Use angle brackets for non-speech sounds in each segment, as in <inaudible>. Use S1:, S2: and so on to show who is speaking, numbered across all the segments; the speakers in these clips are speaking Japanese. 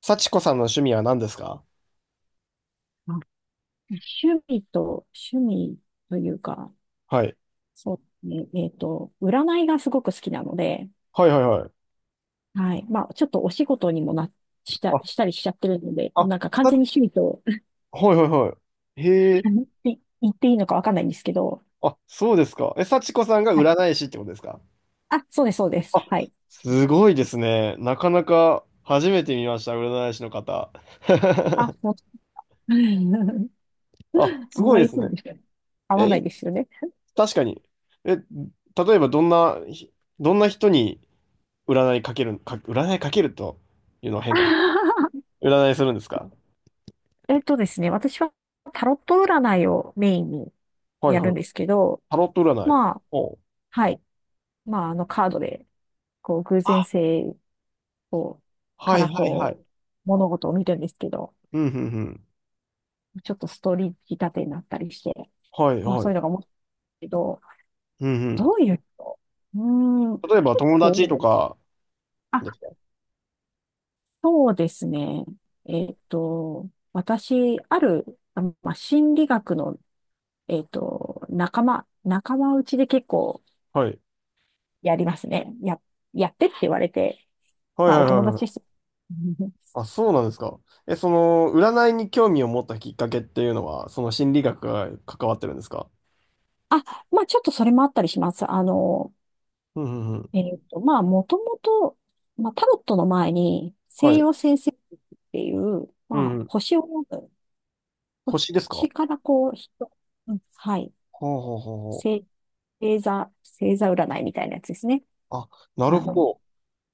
S1: 幸子さんの趣味は何ですか？
S2: あ、趣味と、趣味というか、
S1: はい。
S2: そうね、占いがすごく好きなので、
S1: はいはいはい。
S2: はい。まあ、ちょっとお仕事にもな、
S1: あ、
S2: したりしちゃってるので、
S1: あ、
S2: なんか完全に趣味と
S1: はいはいはい。へ
S2: <laughs>
S1: え。
S2: 言っていいのかわかんないんですけど、
S1: あ、そうですか。え、幸子さんが
S2: はい。
S1: 占い師ってことですか？
S2: あ、そうです。
S1: あ、
S2: はい。
S1: すごいですね。なかなか初めて見ました、占い師の方。
S2: あ、
S1: <laughs>
S2: もう、<laughs>
S1: あ、
S2: あ
S1: す
S2: ん
S1: ごい
S2: ま
S1: で
S2: り
S1: す
S2: そう
S1: ね。
S2: ですよね、合
S1: え、
S2: わないですよね。
S1: 確かに。え、例えばどんな、どんな人に占いかけるというのは変かもし
S2: <laughs>
S1: れない。占いするんですか？
S2: えっとですね、私はタロット占いをメインに
S1: はい
S2: や
S1: は
S2: る
S1: い。
S2: んですけど、
S1: タロット占い。
S2: まあ、
S1: おう
S2: はい。まあ、カードでこう、偶然
S1: あ、
S2: 性を、か
S1: はい
S2: ら
S1: はい
S2: こ
S1: は
S2: う、
S1: い。
S2: 物事を見るんですけど、
S1: うん、うん、うん。
S2: ちょっとストーリー仕立てになったりして、
S1: はい、
S2: まあ
S1: は
S2: そういうの
S1: い。
S2: が面白いけど、
S1: うん、うん。
S2: どういう人、うーん、結
S1: 例えば、友
S2: 構、
S1: 達とか
S2: あ、
S1: ですか？
S2: そうですね。私、ある、あ、まあ、心理学の、仲間内で結構
S1: はい。
S2: やりますね。や、やってって言われて、
S1: はい、
S2: まあ
S1: はい、
S2: お
S1: は
S2: 友
S1: いは
S2: 達で
S1: い。
S2: す。<laughs>
S1: あ、そうなんですか。え、その、占いに興味を持ったきっかけっていうのは、その心理学が関わってるんですか？
S2: あ、まあちょっとそれもあったりします。
S1: うん、うん、うん。
S2: まあ、もともと、まあ、タロットの前に、
S1: は
S2: 西
S1: い。
S2: 洋占星術っていう、
S1: う
S2: ま
S1: ん、う
S2: あ、
S1: ん。
S2: 星を読む、
S1: 星ですか？
S2: 星からこう、人、うん、はい、
S1: ほうほうほうほう。
S2: 星、星座占いみたいなやつですね。
S1: あ、なる
S2: あ
S1: ほ
S2: の、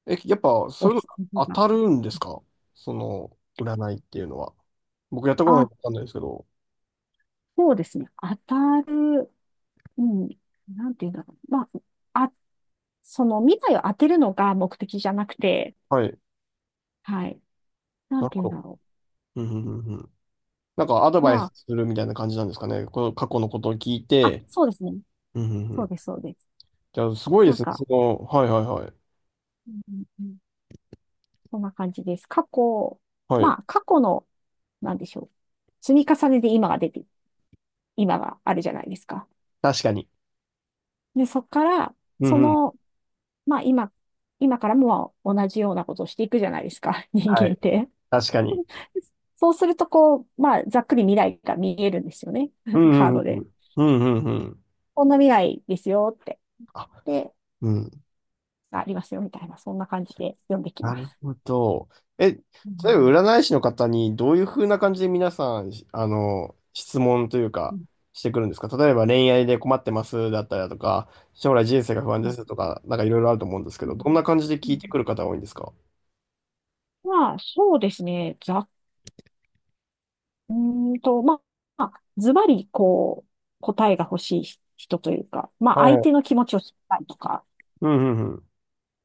S1: ど。え、やっぱ、
S2: お
S1: そういうの
S2: 羊
S1: 当
S2: が。
S1: たるんですか？その、占いっていうのは。僕やったことない
S2: あ、
S1: んでわかんないですけど。
S2: そうですね。当たる、うん、なんていうんだろう。あ、あ、その未来を当てるのが目的じゃなくて、
S1: はい。
S2: はい、なん
S1: なる
S2: ていうん
S1: ほ
S2: だ
S1: ど。
S2: ろ
S1: うん、うん、うん、うん。なんかアド
S2: う。
S1: バイスするみたいな感じなんですかね。この過去のことを聞いて。
S2: そうですね。
S1: うんうんうん。
S2: そうです。
S1: じゃあ、すごいで
S2: なん
S1: すね。
S2: か、
S1: はいはいはい。
S2: うんうん、そんな感じです。過去、
S1: はい。
S2: まあ、過去の、なんでしょう。積み重ねで今が出て、今があるじゃないですか。
S1: 確かに。
S2: で、そこから、
S1: う
S2: そ
S1: んうん。
S2: の、まあ、今からもまあ同じようなことをしていくじゃないですか、<laughs> 人
S1: は
S2: 間っ
S1: い。
S2: て。
S1: 確かに。
S2: そうすると、こう、まあ、ざっくり未来が見えるんですよね。
S1: う
S2: <laughs> カー
S1: んう
S2: ド
S1: んうんう
S2: で。
S1: ん。うんうん
S2: こんな未来ですよって。
S1: あ、
S2: で、
S1: うん。
S2: ありますよ、みたいな、そんな感じで読んでき
S1: な
S2: ま
S1: る
S2: す。
S1: ほど。え、例
S2: う
S1: え
S2: ん
S1: ば占い師の方にどういう風な感じで皆さん、質問という
S2: う
S1: か、
S2: ん、
S1: してくるんですか？例えば恋愛で困ってますだったりだとか、将来人生が不安で
S2: はい、
S1: すとか、なんかいろいろあると思うんですけ
S2: うん
S1: ど、どんな感じで
S2: う
S1: 聞い
S2: ん、
S1: てくる方が多いんですか？
S2: まあ、そうですね。うーんと、まあ、まあズバリ、こう、答えが欲しい人というか、ま
S1: は
S2: あ、相
S1: い。
S2: 手の気持ちを知りたいとか、
S1: うんうんうん。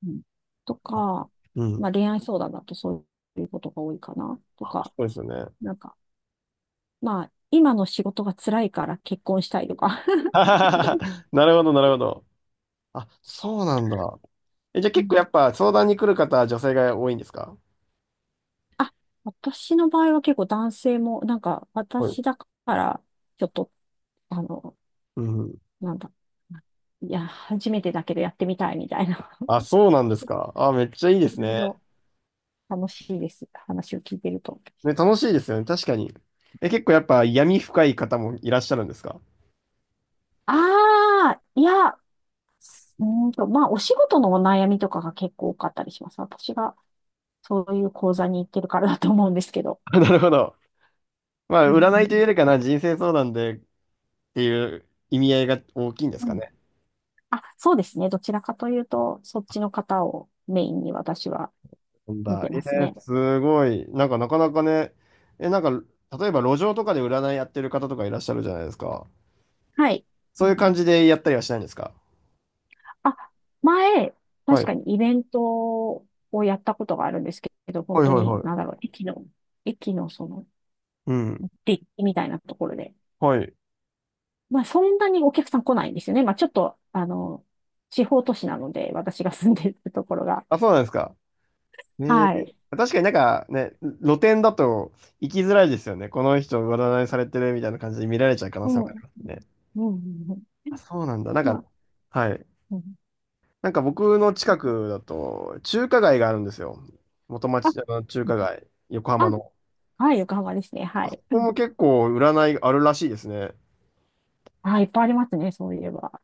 S2: うん、と
S1: あ、
S2: か、
S1: うん。
S2: まあ、恋愛相談だとそういうことが多いかな、と
S1: あ、そ
S2: か、
S1: うですよね。
S2: なんか、まあ、今の仕事が辛いから結婚したいとか。<laughs>
S1: <laughs> なるほど、なるほど。あ、そうなんだ。え、じゃあ
S2: う
S1: 結構
S2: ん、
S1: やっぱ相談に来る方は女性が多いんですか？
S2: あ、私の場合は結構男性も、なんか、
S1: はい。
S2: 私だから、ちょっと、あの、
S1: うん。
S2: なんだ、いや、初めてだけどやってみたいみたいな。<laughs>
S1: あ、そうなんです
S2: 人
S1: か。あ、めっちゃいいで
S2: い
S1: す
S2: ろい
S1: ね。
S2: ろ楽しいです。話を聞いてると。
S1: ね、楽しいですよね。確かに。え、結構やっぱ闇深い方もいらっしゃるんですか？
S2: ああ、いや、うーんと、まあ、お仕事のお悩みとかが結構多かったりします。私がそういう講座に行ってるからだと思うんですけど。
S1: あ <laughs> なるほど。ま
S2: う
S1: あ、
S2: んう
S1: 占いとい
S2: ん
S1: うよりかな、人生相談でっていう意味合いが大きいんです
S2: う
S1: か
S2: ん、
S1: ね。
S2: あ、そうですね。どちらかというと、そっちの方をメインに私は
S1: なん
S2: 見
S1: だ。
S2: てますね。
S1: すごい。なんかなかなかね、なんか、例えば路上とかで占いやってる方とかいらっしゃるじゃないですか。
S2: はい。う
S1: そういう感
S2: ん、
S1: じでやったりはしないんですか？
S2: あ、前、
S1: は
S2: 確
S1: い。
S2: かにイベントをやったことがあるんですけど、本
S1: はい
S2: 当
S1: はいは
S2: に、なんだ
S1: い。
S2: ろう、駅のその、
S1: うん。
S2: デッキみたいなところで、
S1: はい。
S2: まあ、そんなにお客さん来ないんですよね。まあ、ちょっと、あの、地方都市なので、私が住んでるところが。
S1: あ、そうなんですか。えー、
S2: はい。
S1: 確かになんかね、露店だと行きづらいですよね。この人占いされてるみたいな感じで見られちゃう可能
S2: う
S1: 性
S2: ん。
S1: もあ
S2: う
S1: り
S2: ん
S1: ますね。
S2: うんうん、
S1: あ、そうなんだ。なん
S2: ま
S1: か、
S2: あ、
S1: はい。
S2: うん。
S1: なんか僕の近くだと中華街があるんですよ。元
S2: あ、
S1: 町、あの中
S2: うん、
S1: 華街、横浜
S2: あ、
S1: の。
S2: はい、横浜ですね。は
S1: あそ
S2: い。
S1: こも結構占いあるらしいですね。
S2: あ、いっぱいありますね、そういえば。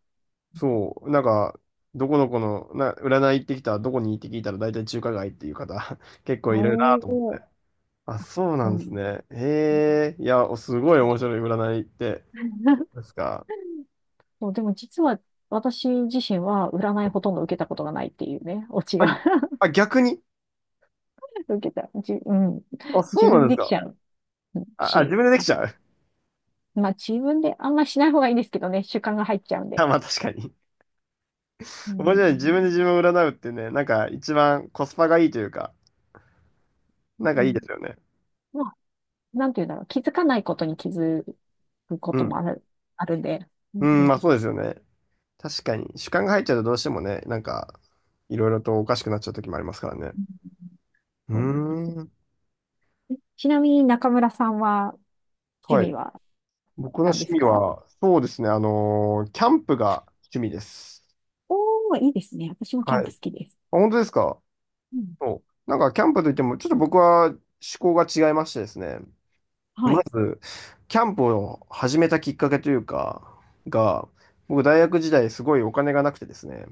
S1: そう、なんか、どこどこの、占い行ってきた、どこに行って聞いたら大体中華街っていう方、<laughs> 結構いるな
S2: お
S1: と思って。
S2: ー。
S1: あ、そうな
S2: う
S1: んです
S2: ん。
S1: ね。へえ、いや、おすごい
S2: そう。
S1: 面白い占いって、で
S2: <laughs>
S1: すか？
S2: そう、でも実は私自身は占いほとんど受けたことがないっていうね、オチ
S1: あ、
S2: が。
S1: あ、逆に。
S2: <laughs> 受けた。じ、うん。
S1: あ、そ
S2: 自
S1: う
S2: 分
S1: な
S2: で
S1: んです
S2: でき
S1: か。
S2: ちゃう
S1: あ、あ、
S2: し、
S1: 自分でできちゃう。<laughs>
S2: まあ自分であんましない方がいいですけどね、習慣が入っちゃうんで。
S1: あ、まあ確かに。
S2: う
S1: 面白い。自分で
S2: ん。
S1: 自分を占うってね、なんか一番コスパがいいというか、なん
S2: う
S1: かいいで
S2: ん。
S1: すよね。
S2: まあ、なんて言うんだろう。気づかないことに気づくこ
S1: う
S2: とも
S1: ん。
S2: ある、あるんで。う
S1: う
S2: んう
S1: ん、
S2: ん。
S1: まあそうですよね。確かに。主観が入っちゃうとどうしてもね、なんか、いろいろとおかしくなっちゃう時もありますからね。うー
S2: そうなんですよ
S1: ん。
S2: ね。え、ちなみに中村さんは、趣
S1: は
S2: 味
S1: い。
S2: は
S1: 僕の
S2: 何で
S1: 趣
S2: す
S1: 味
S2: か？
S1: は、そうですね、キャンプが趣味です。
S2: おー、いいですね。私もキャ
S1: は
S2: ン
S1: い。
S2: プ
S1: あ、
S2: 好きです。
S1: 本当ですか？
S2: うん。
S1: そう。なんか、キャンプといっても、ちょっと僕は思考が違いましてですね、
S2: は
S1: ま
S2: い。
S1: ず、キャンプを始めたきっかけというか、が、僕、大学時代、すごいお金がなくてですね、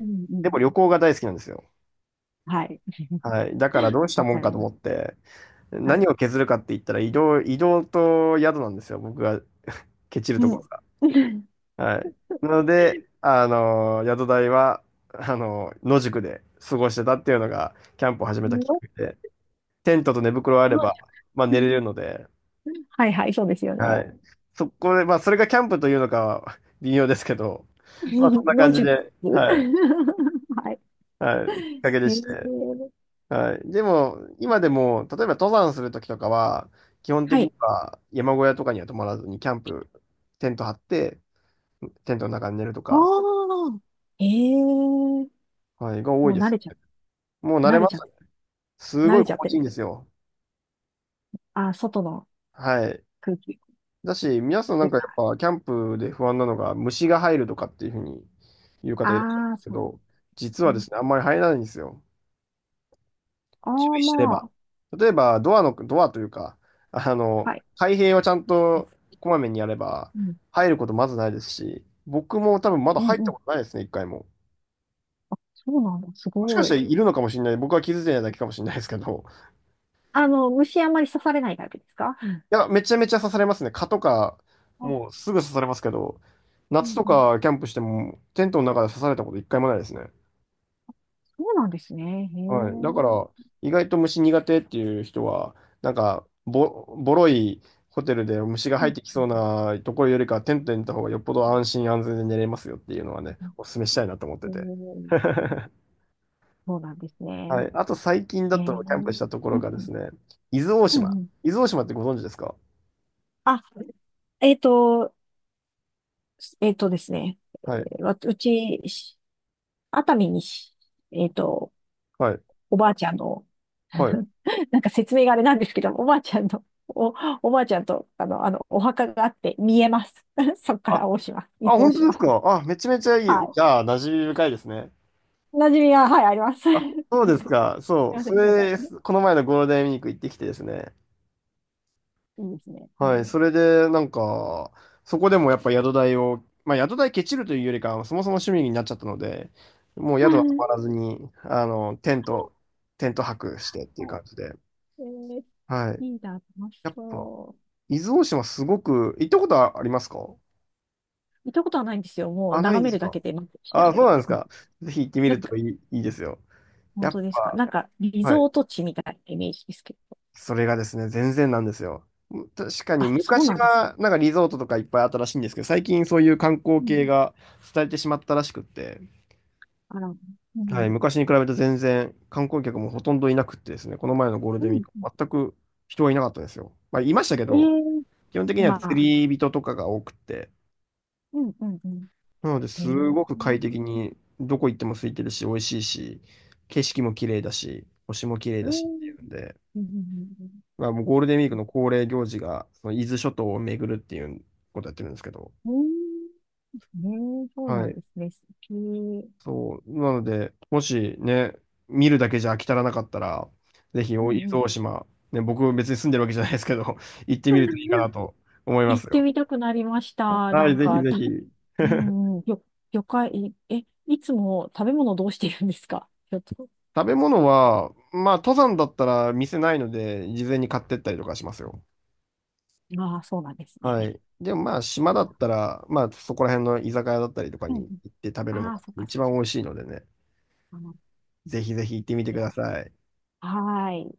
S2: うんう
S1: でも
S2: ん。
S1: 旅行が大好きなんですよ。
S2: はい。
S1: はい。だから、どうした
S2: わ
S1: もん
S2: か
S1: か
S2: り
S1: と
S2: ま
S1: 思っ
S2: す。
S1: て、
S2: は
S1: 何
S2: い。
S1: を削るかって言ったら、移動と宿なんですよ、僕がケチると
S2: う
S1: こ
S2: ん。
S1: ろ。
S2: <laughs>
S1: はい。なので、宿題は、野宿で過ごしてたっていうのが、キャンプを始めたきっか
S2: の、
S1: けで、テントと寝袋あれ
S2: の、
S1: ば、まあ寝れるので、
S2: はいはい、そうですよね。
S1: はい。そこで、まあそれがキャンプというのかは微妙ですけど、
S2: <laughs>
S1: まあそんな感
S2: 野
S1: じ
S2: 宿。
S1: で、
S2: <laughs>
S1: はい。
S2: はい。
S1: はい。きっかけで
S2: え
S1: して。
S2: ー、
S1: はい。でも、今でも、例えば登山するときとかは、基本
S2: は
S1: 的に
S2: い。
S1: は山小屋とかには泊まらずに、キャンプ、テント張って、テントの中に寝ると
S2: あ
S1: か、
S2: あ、ええ、も
S1: はい、が多い
S2: う
S1: で
S2: 慣
S1: す。
S2: れちゃ、
S1: もう慣
S2: 慣
S1: れ
S2: れ
S1: ま
S2: ち
S1: し
S2: ゃ、
S1: た。す
S2: 慣
S1: ごい
S2: れちゃっ
S1: 心
S2: て
S1: 地い
S2: る
S1: い
S2: ん
S1: んで
S2: で。
S1: すよ。
S2: ああ、外の
S1: はい。
S2: 空気。
S1: だし、皆さんなんかやっぱキャンプで不安なのが虫が入るとかっていうふうに言う方いらっしゃるんで
S2: ああー、
S1: すけ
S2: そう。
S1: ど、実はですね、あんまり入らないんですよ。
S2: ああ
S1: 注
S2: ー、
S1: 意すれ
S2: ま
S1: ば。
S2: あ、
S1: 例えば、ドアというか、
S2: はい。
S1: 開閉をちゃん
S2: う
S1: とこまめにやれば、
S2: ん、
S1: 入ることまずないですし、僕も多分まだ
S2: うん、
S1: 入っ
S2: う
S1: た
S2: ん。
S1: ことないですね、一回も。
S2: そうなんだ。す
S1: もしか
S2: ご
S1: した
S2: い。
S1: らいるのかもしれない。僕は気づいてないだけかもしれないですけど、
S2: あの、虫あんまり刺されないタイプですか？うん。
S1: いや、めちゃめちゃ刺されますね。蚊とか、
S2: あ、
S1: もうすぐ刺されますけど、
S2: う
S1: 夏
S2: ん
S1: と
S2: うん。
S1: かキャンプしても、テントの中で刺されたこと一回もないですね。
S2: そうなんですね。へえ。
S1: はい。だか
S2: うん
S1: ら、意外と虫苦手っていう人は、なんか、ボロいホテルで虫が
S2: う
S1: 入っ
S2: ん
S1: てきそうなところよりか、テントに行った方がよっぽど安心安全で寝れますよっていうのはね、お勧めしたいなと思って
S2: う
S1: て。
S2: んう
S1: <laughs>
S2: ん、そうなんです
S1: は
S2: ね。
S1: い。あと最近
S2: へ
S1: だ
S2: え。
S1: と、キャンプしたとこ
S2: う
S1: ろ
S2: ん
S1: がで
S2: う
S1: す
S2: ん
S1: ね、伊豆大
S2: う
S1: 島。
S2: んうん。
S1: 伊豆大島ってご存知ですか？
S2: あ、えっと、えっとですね。
S1: はい。
S2: わうち、熱海にし、えっと、
S1: はい。
S2: おばあちゃんの、
S1: はい。
S2: <laughs> なんか説明があれなんですけど、おばあちゃんと、あの、お墓があって見えます。<laughs> そこから大島、伊
S1: あ、
S2: 豆大
S1: 本当
S2: 島。
S1: ですか？あ、めちゃめちゃい
S2: は
S1: い。じ
S2: い。
S1: ゃあ、馴染み深いですね。
S2: 馴染みが、はい、あります。<laughs>
S1: あ、そう
S2: な
S1: で
S2: ん
S1: す
S2: かす
S1: か。そ
S2: い
S1: う。
S2: ませ
S1: そ
S2: ん、なんか、
S1: れ、この前のゴールデンウィーク行ってきてですね。
S2: いいですね。う
S1: は
S2: ん。
S1: い。それで、なんか、そこでもやっぱ宿代を、まあ、宿代ケチるというよりかは、そもそも趣味になっちゃったので、もう宿は泊まら
S2: <laughs>
S1: ずに、テント泊してっていう
S2: はい。
S1: 感じで。
S2: えー、
S1: はい。
S2: いいな、楽し
S1: やっぱ、
S2: そ
S1: 伊豆大島すごく、行ったことはありますか？
S2: う。行ったことはないんですよ。もう
S1: あ、ない
S2: 眺
S1: で
S2: め
S1: す
S2: るだ
S1: か？
S2: けで満足しちゃ
S1: あ、
S2: うん
S1: そう
S2: で。
S1: なんです
S2: うん、
S1: か。ぜひ行ってみ
S2: なん
S1: ると
S2: か、
S1: いいですよ。
S2: 本
S1: やっ
S2: 当ですか。
S1: ぱ、
S2: なんか、リ
S1: はい、
S2: ゾート地みたいなイメージですけど。
S1: それがですね、全然なんですよ。確かに
S2: あ、そう
S1: 昔
S2: なんです。
S1: はなんかリゾートとかいっぱいあったらしいんですけど、最近そういう観光
S2: うん、
S1: 系が伝えてしまったらしくって、
S2: あら、う
S1: はい、
S2: ん、
S1: 昔に比べて全然観光客もほとんどいなくってですね、この前のゴール
S2: う
S1: デンウィー
S2: ん、
S1: ク、全く人はいなかったですよ。まあ、いましたけど、
S2: え
S1: 基本的
S2: え
S1: には
S2: ま
S1: 釣
S2: あ、
S1: り人とかが多くて、
S2: うん、うん、うん、
S1: なので
S2: へ
S1: す
S2: え、う
S1: ごく快
S2: ん、
S1: 適にどこ行っても空いてるし、美味しいし、景色も綺麗だし、星も綺麗
S2: う
S1: だしってい
S2: ん、
S1: うんで、
S2: うん、
S1: まあ、もうゴールデンウィークの恒例行事が、その伊豆諸島を巡るっていうことやってるんですけど、
S2: うん、ねえ、そうな
S1: は
S2: ん
S1: い。
S2: ですね、素敵。う
S1: そう。なので、もしね、見るだけじゃ飽き足らなかったら、ぜひ、
S2: ん、
S1: お伊
S2: う
S1: 豆
S2: ん。
S1: 大島、ね、僕別に住んでるわけじゃないですけど、<laughs> 行ってみるといいかなと思いま
S2: 行
S1: す
S2: って
S1: よ。
S2: みたくなりました。
S1: は
S2: な
S1: い、
S2: ん
S1: ぜひ
S2: か、
S1: ぜ
S2: た、
S1: ひ。
S2: う
S1: <laughs>
S2: んうん、よ、魚介、え、いつも食べ物どうしてるんですか、ちょっと。
S1: 食べ物は、まあ、登山だったら店ないので、事前に買ってったりとかしますよ。
S2: ああ、そうなんです
S1: は
S2: ね。
S1: い。でもまあ、島
S2: い
S1: だ
S2: や、
S1: ったら、まあ、そこら辺の居酒屋だったりとか
S2: うん
S1: に
S2: うん、
S1: 行って食べるの
S2: ああ、
S1: が
S2: そっか
S1: 一
S2: そっか。
S1: 番美味しいのでね。
S2: あの、
S1: ぜひぜひ行ってみて
S2: い
S1: く
S2: や、
S1: ださい。
S2: はーい。